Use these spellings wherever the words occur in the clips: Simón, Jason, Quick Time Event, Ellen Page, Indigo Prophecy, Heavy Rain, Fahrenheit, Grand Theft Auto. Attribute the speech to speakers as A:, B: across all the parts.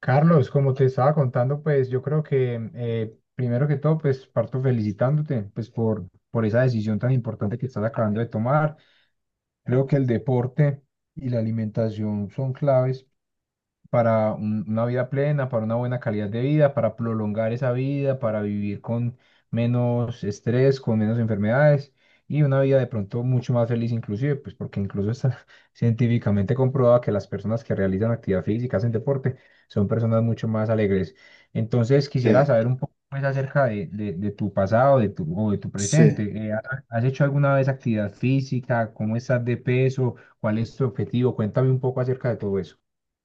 A: Carlos, como te estaba contando, pues yo creo que primero que todo, pues parto felicitándote pues por esa decisión tan importante que estás acabando de tomar. Creo que el deporte y la alimentación son claves para una vida plena, para una buena calidad de vida, para prolongar esa vida, para vivir con menos estrés, con menos enfermedades y una vida de pronto mucho más feliz inclusive, pues porque incluso está científicamente comprobado que las personas que realizan actividad física, hacen deporte, son personas mucho más alegres. Entonces quisiera
B: Sí,
A: saber un poco más acerca de tu pasado, de tu, o de tu presente.
B: sí.
A: ¿Has hecho alguna vez actividad física? ¿Cómo estás de peso? ¿Cuál es tu objetivo? Cuéntame un poco acerca de todo eso.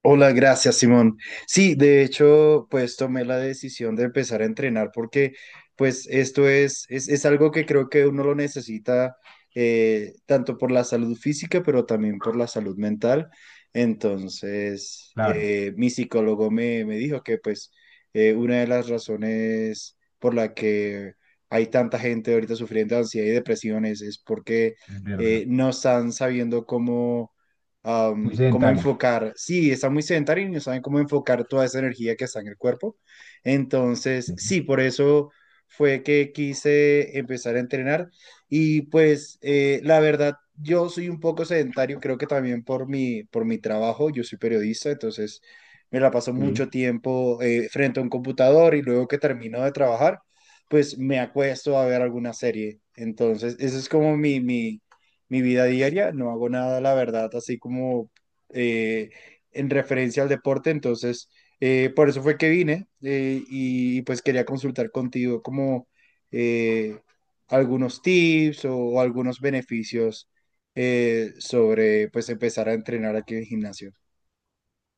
B: Hola, gracias, Simón. Sí, de hecho, pues tomé la decisión de empezar a entrenar porque, pues, esto es algo que creo que uno lo necesita tanto por la salud física, pero también por la salud mental. Entonces,
A: Claro.
B: mi psicólogo me dijo que, pues, una de las razones por la que hay tanta gente ahorita sufriendo de ansiedad y depresiones es porque
A: Es verdad.
B: no están sabiendo cómo
A: Muy
B: cómo
A: sedentaria.
B: enfocar, sí, están muy sedentarios y no saben cómo enfocar toda esa energía que está en el cuerpo. Entonces,
A: Sí.
B: sí, por eso fue que quise empezar a entrenar y pues la verdad, yo soy un poco sedentario, creo que también por mi trabajo, yo soy periodista, entonces me la paso mucho
A: Sí.
B: tiempo frente a un computador y luego que termino de trabajar, pues me acuesto a ver alguna serie. Entonces, eso es como mi vida diaria, no hago nada, la verdad, así como eh, en referencia al deporte, entonces por eso fue que vine y pues quería consultar contigo como eh, algunos tips o algunos beneficios sobre pues empezar a entrenar aquí en el gimnasio.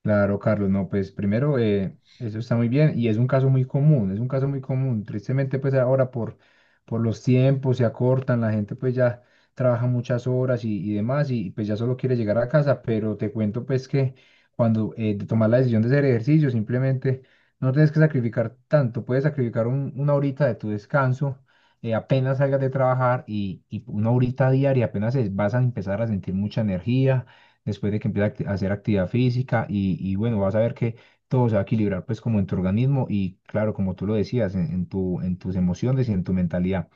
A: Claro, Carlos, no, pues primero, eso está muy bien y es un caso muy común, es un caso muy común. Tristemente, pues ahora por los tiempos se acortan, la gente pues ya trabaja muchas horas y demás y pues ya solo quiere llegar a casa, pero te cuento pues que cuando de tomar la decisión de hacer ejercicio, simplemente no tienes que sacrificar tanto, puedes sacrificar una horita de tu descanso, apenas salgas de trabajar y una horita diaria, vas a empezar a sentir mucha energía después de que empiece a hacer actividad física y bueno, vas a ver que todo se va a equilibrar pues como en tu organismo y claro, como tú lo decías, en tus emociones y en tu mentalidad.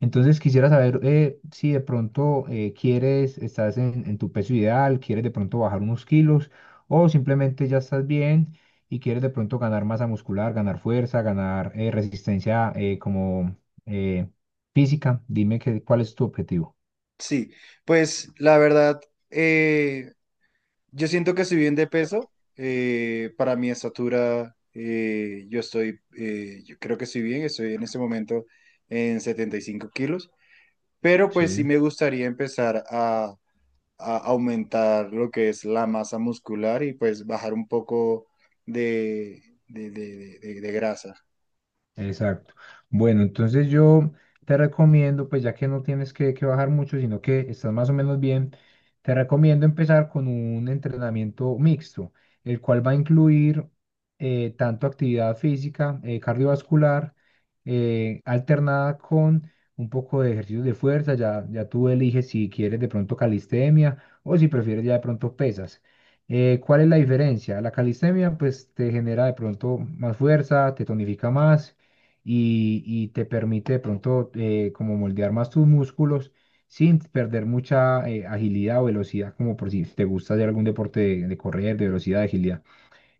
A: Entonces quisiera saber si de pronto quieres, estás en tu peso ideal, quieres de pronto bajar unos kilos o simplemente ya estás bien y quieres de pronto ganar masa muscular, ganar fuerza, ganar resistencia como eh, física. Dime que, cuál es tu objetivo.
B: Sí, pues la verdad, eh, yo siento que estoy bien de peso, para mi estatura, yo creo que estoy bien, estoy en este momento en 75 kilos, pero pues
A: Sí.
B: sí me gustaría empezar a aumentar lo que es la masa muscular y pues bajar un poco de, de grasa.
A: Exacto. Bueno, entonces yo te recomiendo, pues ya que no tienes que bajar mucho, sino que estás más o menos bien, te recomiendo empezar con un entrenamiento mixto, el cual va a incluir tanto actividad física, cardiovascular, alternada con un poco de ejercicios de fuerza, ya tú eliges si quieres de pronto calistenia o si prefieres ya de pronto pesas. ¿Cuál es la diferencia? La calistenia pues te genera de pronto más fuerza, te tonifica más y te permite de pronto como moldear más tus músculos sin perder mucha agilidad o velocidad, como por si te gusta hacer algún deporte de correr, de velocidad, de agilidad.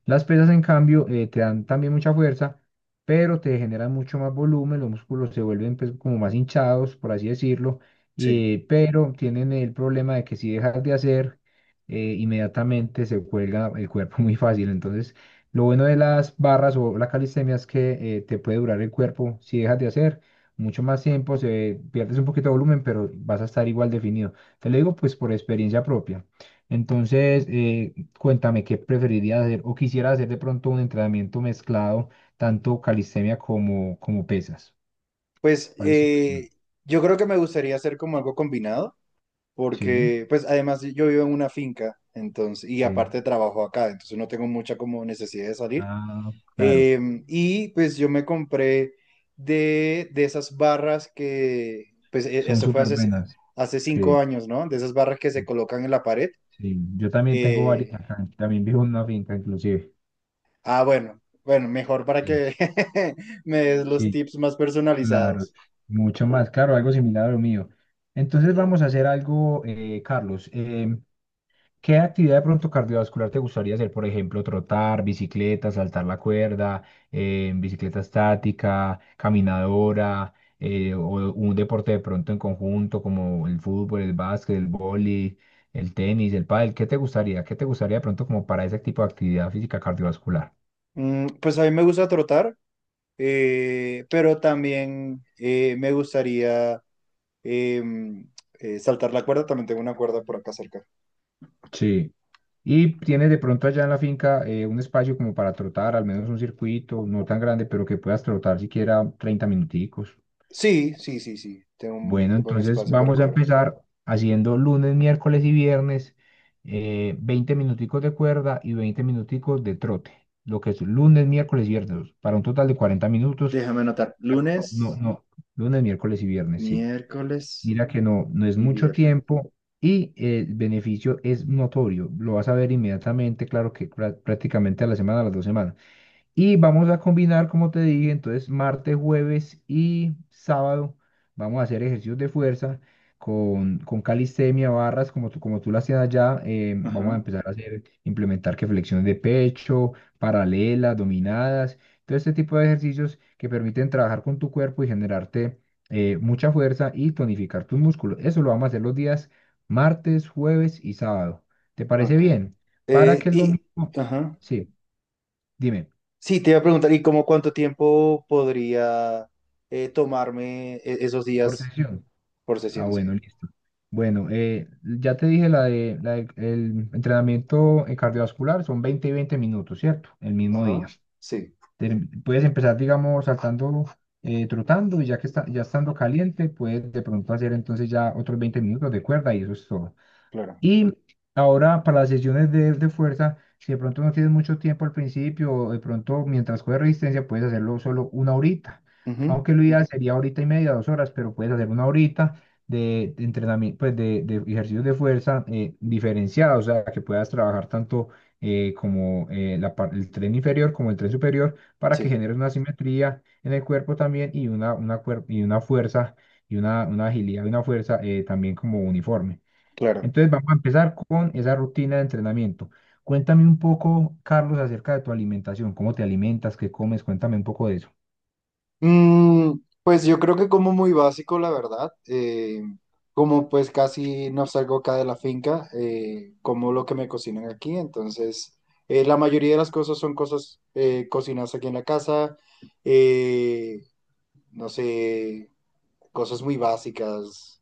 A: Las pesas, en cambio, te dan también mucha fuerza, pero te generan mucho más volumen, los músculos se vuelven pues, como más hinchados, por así decirlo,
B: Sí.
A: pero tienen el problema de que si dejas de hacer, inmediatamente se cuelga el cuerpo muy fácil. Entonces, lo bueno de las barras o la calistenia es que te puede durar el cuerpo si dejas de hacer, mucho más tiempo, se pierdes un poquito de volumen, pero vas a estar igual definido. Te lo digo pues por experiencia propia. Entonces, cuéntame qué preferirías hacer o quisiera hacer de pronto un entrenamiento mezclado, tanto calistenia como pesas.
B: Pues
A: ¿Cuál es?
B: yo creo que me gustaría hacer como algo combinado
A: Sí,
B: porque pues además yo vivo en una finca, entonces, y
A: sí.
B: aparte trabajo acá, entonces no tengo mucha como necesidad de salir.
A: Ah, claro.
B: Y pues yo me compré de esas barras que, pues
A: Son
B: eso fue
A: súper
B: hace,
A: buenas.
B: hace cinco
A: Sí,
B: años, ¿no? De esas barras que se colocan en la pared.
A: sí. Yo también tengo varias
B: Eh,
A: acá. También vivo en una finca, inclusive.
B: bueno, bueno, mejor para
A: Sí,
B: que me des los
A: sí,
B: tips más
A: claro.
B: personalizados.
A: Mucho más. Claro, algo similar a lo mío. Entonces vamos a hacer algo, Carlos. ¿Qué actividad de pronto cardiovascular te gustaría hacer? Por ejemplo, trotar, bicicleta, saltar la cuerda, bicicleta estática, caminadora, o un deporte de pronto en conjunto como el fútbol, el básquet, el vóley, el tenis, el pádel. ¿Qué te gustaría? ¿Qué te gustaría de pronto como para ese tipo de actividad física cardiovascular?
B: Mm, pues a mí me gusta trotar, pero también me gustaría Eh, saltar la cuerda, también tengo una cuerda por acá cerca.
A: Sí. Y tienes de pronto allá en la finca un espacio como para trotar, al menos un circuito, no tan grande, pero que puedas trotar siquiera 30 minuticos.
B: Sí, sí, sí, sí, tengo
A: Bueno,
B: un buen
A: entonces
B: espacio para
A: vamos a
B: correr.
A: empezar haciendo lunes, miércoles y viernes, 20 minuticos de cuerda y 20 minuticos de trote, lo que es lunes, miércoles y viernes, para un total de 40 minutos.
B: Déjame anotar.
A: No, no,
B: Lunes,
A: no, lunes, miércoles y viernes, sí.
B: miércoles
A: Mira que no, no es
B: y
A: mucho
B: viernes.
A: tiempo y el beneficio es notorio. Lo vas a ver inmediatamente, claro que prácticamente a la semana, a las 2 semanas. Y vamos a combinar, como te dije, entonces martes, jueves y sábado vamos a hacer ejercicios de fuerza con calistenia, barras, como tú lo hacías allá. Vamos a
B: Ajá.
A: empezar a hacer, implementar que flexiones de pecho, paralelas, dominadas, todo este tipo de ejercicios que permiten trabajar con tu cuerpo y generarte mucha fuerza y tonificar tus músculos. Eso lo vamos a hacer los días martes, jueves y sábado. ¿Te parece
B: Ok.
A: bien? Para
B: Eh,
A: que el
B: y,
A: domingo.
B: ajá.
A: Sí, dime,
B: Sí, te iba a preguntar, ¿y cómo cuánto tiempo podría tomarme esos
A: por
B: días
A: sesión.
B: por
A: Ah,
B: sesión? Sí.
A: bueno, listo. Bueno, ya te dije el entrenamiento cardiovascular, son 20 y 20 minutos, ¿cierto? El mismo
B: Ajá.
A: día.
B: Sí,
A: Te- puedes empezar, digamos, saltando, trotando y ya estando caliente, puedes de pronto hacer entonces ya 20 minutos de cuerda y eso es todo.
B: claro.
A: Y ahora para las sesiones de fuerza, si de pronto no tienes mucho tiempo al principio, o de pronto mientras juegas resistencia puedes hacerlo solo una horita,
B: Ujú,
A: aunque lo ideal sería horita y media, 2 horas, pero puedes hacer una horita de entrenamiento, pues de ejercicios de fuerza diferenciados, o sea, que puedas trabajar tanto como el tren inferior como el tren superior para que
B: sí,
A: generes una simetría en el cuerpo también y una fuerza y una agilidad y una fuerza también como uniforme.
B: claro.
A: Entonces vamos a empezar con esa rutina de entrenamiento. Cuéntame un poco, Carlos, acerca de tu alimentación. ¿Cómo te alimentas? ¿Qué comes? Cuéntame un poco de eso.
B: Mm, pues yo creo que como muy básico, la verdad. Como pues casi no salgo acá de la finca, como lo que me cocinan aquí. Entonces, la mayoría de las cosas son cosas cocinadas aquí en la casa. eh, no sé, cosas muy básicas.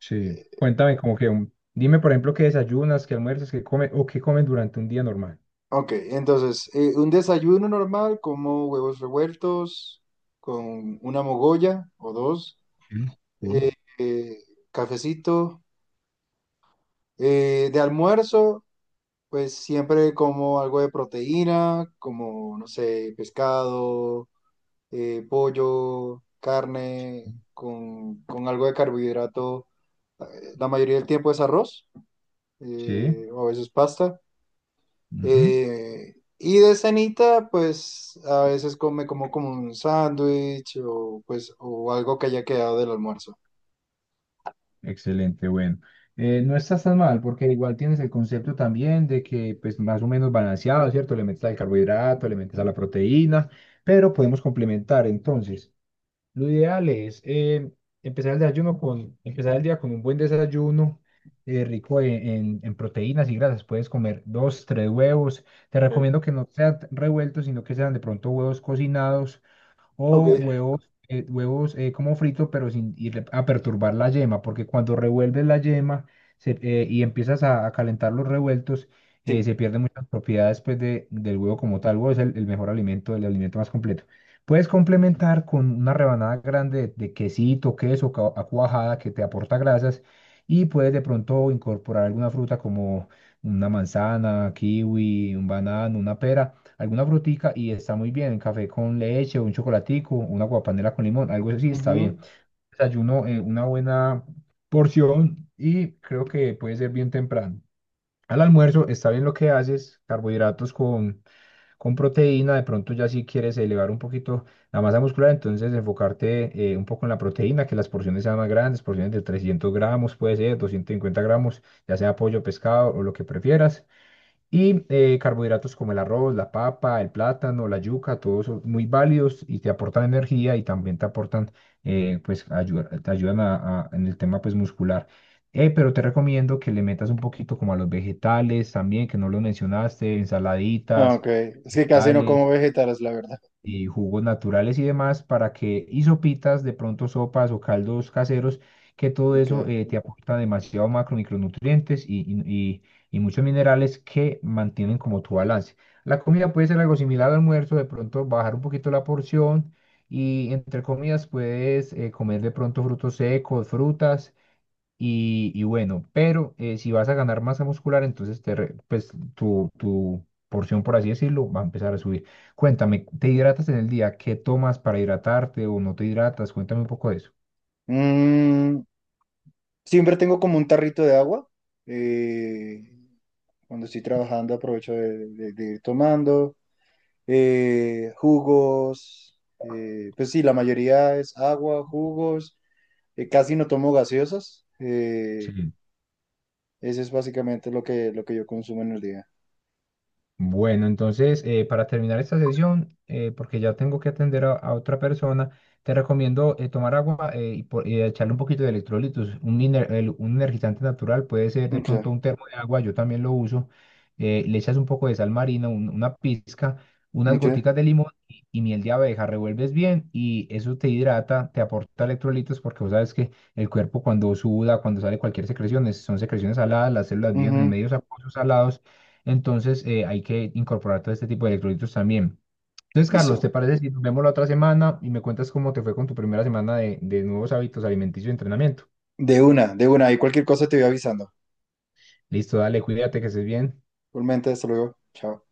A: Sí, cuéntame como que, dime por ejemplo qué desayunas, qué almuerzas, qué comes o qué comes durante un día normal.
B: Ok, entonces, un desayuno normal como huevos revueltos con una mogolla o dos,
A: Sí, sí.
B: eh, eh, cafecito. De almuerzo. Pues siempre como algo de proteína, como, no sé, pescado, pollo, carne, con algo de carbohidrato. La mayoría del tiempo es arroz,
A: Sí,
B: o a veces pasta.
A: ujú.
B: Y de cenita, pues a veces come como, como un sándwich o, pues, o algo que haya quedado del almuerzo.
A: Excelente, bueno. No estás tan mal porque igual tienes el concepto también de que pues más o menos balanceado, ¿cierto? Le metes al carbohidrato, le metes a la proteína, pero podemos complementar entonces. Lo ideal es empezar el día con un buen desayuno rico en proteínas y grasas. Puedes comer dos, tres huevos. Te
B: Ok.
A: recomiendo que no sean revueltos, sino que sean de pronto huevos cocinados
B: Ok,
A: o huevos como frito, pero sin ir a perturbar la yema, porque cuando revuelves la yema y empiezas a calentar los revueltos, se
B: sí.
A: pierden muchas propiedades pues, del huevo como tal. El huevo es el mejor alimento, el alimento más completo. Puedes complementar con una rebanada grande de quesito, queso, a cuajada que te aporta grasas y puedes de pronto incorporar alguna fruta como una manzana, kiwi, un banano, una pera, alguna frutica y está muy bien, café con leche, un chocolatico, una guapanela con limón, algo así está bien.
B: Ujú.
A: Desayuno, una buena porción y creo que puede ser bien temprano. Al almuerzo está bien lo que haces, carbohidratos con proteína, de pronto ya si quieres elevar un poquito la masa muscular, entonces enfocarte un poco en la proteína, que las porciones sean más grandes, porciones de 300 gramos, puede ser 250 gramos, ya sea pollo, pescado o lo que prefieras. Y carbohidratos como el arroz, la papa, el plátano, la yuca, todos son muy válidos y te aportan energía y también te aportan, te ayudan en el tema pues muscular. Pero te recomiendo que le metas un poquito como a los vegetales también, que no los mencionaste,
B: Ah,
A: ensaladitas,
B: ok, es que casi no
A: vegetales
B: como vegetales, la verdad.
A: y jugos naturales y demás para que, y sopitas, de pronto sopas o caldos caseros, que todo eso
B: Ok.
A: te aporta demasiado macro, micronutrientes y- y muchos minerales que mantienen como tu balance. La comida puede ser algo similar al almuerzo, de pronto bajar un poquito la porción y entre comidas puedes comer de pronto frutos secos, frutas y bueno, pero si vas a ganar masa muscular, entonces pues, tu porción, por así decirlo, va a empezar a subir. Cuéntame, ¿te hidratas en el día? ¿Qué tomas para hidratarte o no te hidratas? Cuéntame un poco de eso.
B: Siempre tengo como un tarrito de agua. eh, Cuando estoy trabajando aprovecho de ir tomando. Jugos, pues sí, la mayoría es agua, jugos. Casi no tomo gaseosas.
A: Sí.
B: Eso es básicamente lo que yo consumo en el día.
A: Bueno, entonces, para terminar esta sesión, porque ya tengo que atender a otra persona, te recomiendo tomar agua y echarle un poquito de electrolitos. Un energizante natural puede ser de
B: Ok,
A: pronto un termo de agua, yo también lo uso. Le echas un poco de sal marina, una pizca, unas
B: ok.
A: goticas de limón y miel de abeja, revuelves bien y eso te hidrata, te aporta electrolitos, porque vos sabes que el cuerpo cuando suda, cuando sale cualquier secreción, son secreciones saladas, las células viven en
B: Ujú,
A: medios acuosos salados. Entonces, hay que incorporar todo este tipo de electrolitos también. Entonces, Carlos, ¿te
B: listo.
A: parece si nos vemos la otra semana y me cuentas cómo te fue con tu primera semana de nuevos hábitos alimenticios y entrenamiento?
B: De una, de una. Y cualquier cosa te voy avisando.
A: Listo, dale, cuídate, que estés bien.
B: Igualmente, hasta luego. Chao.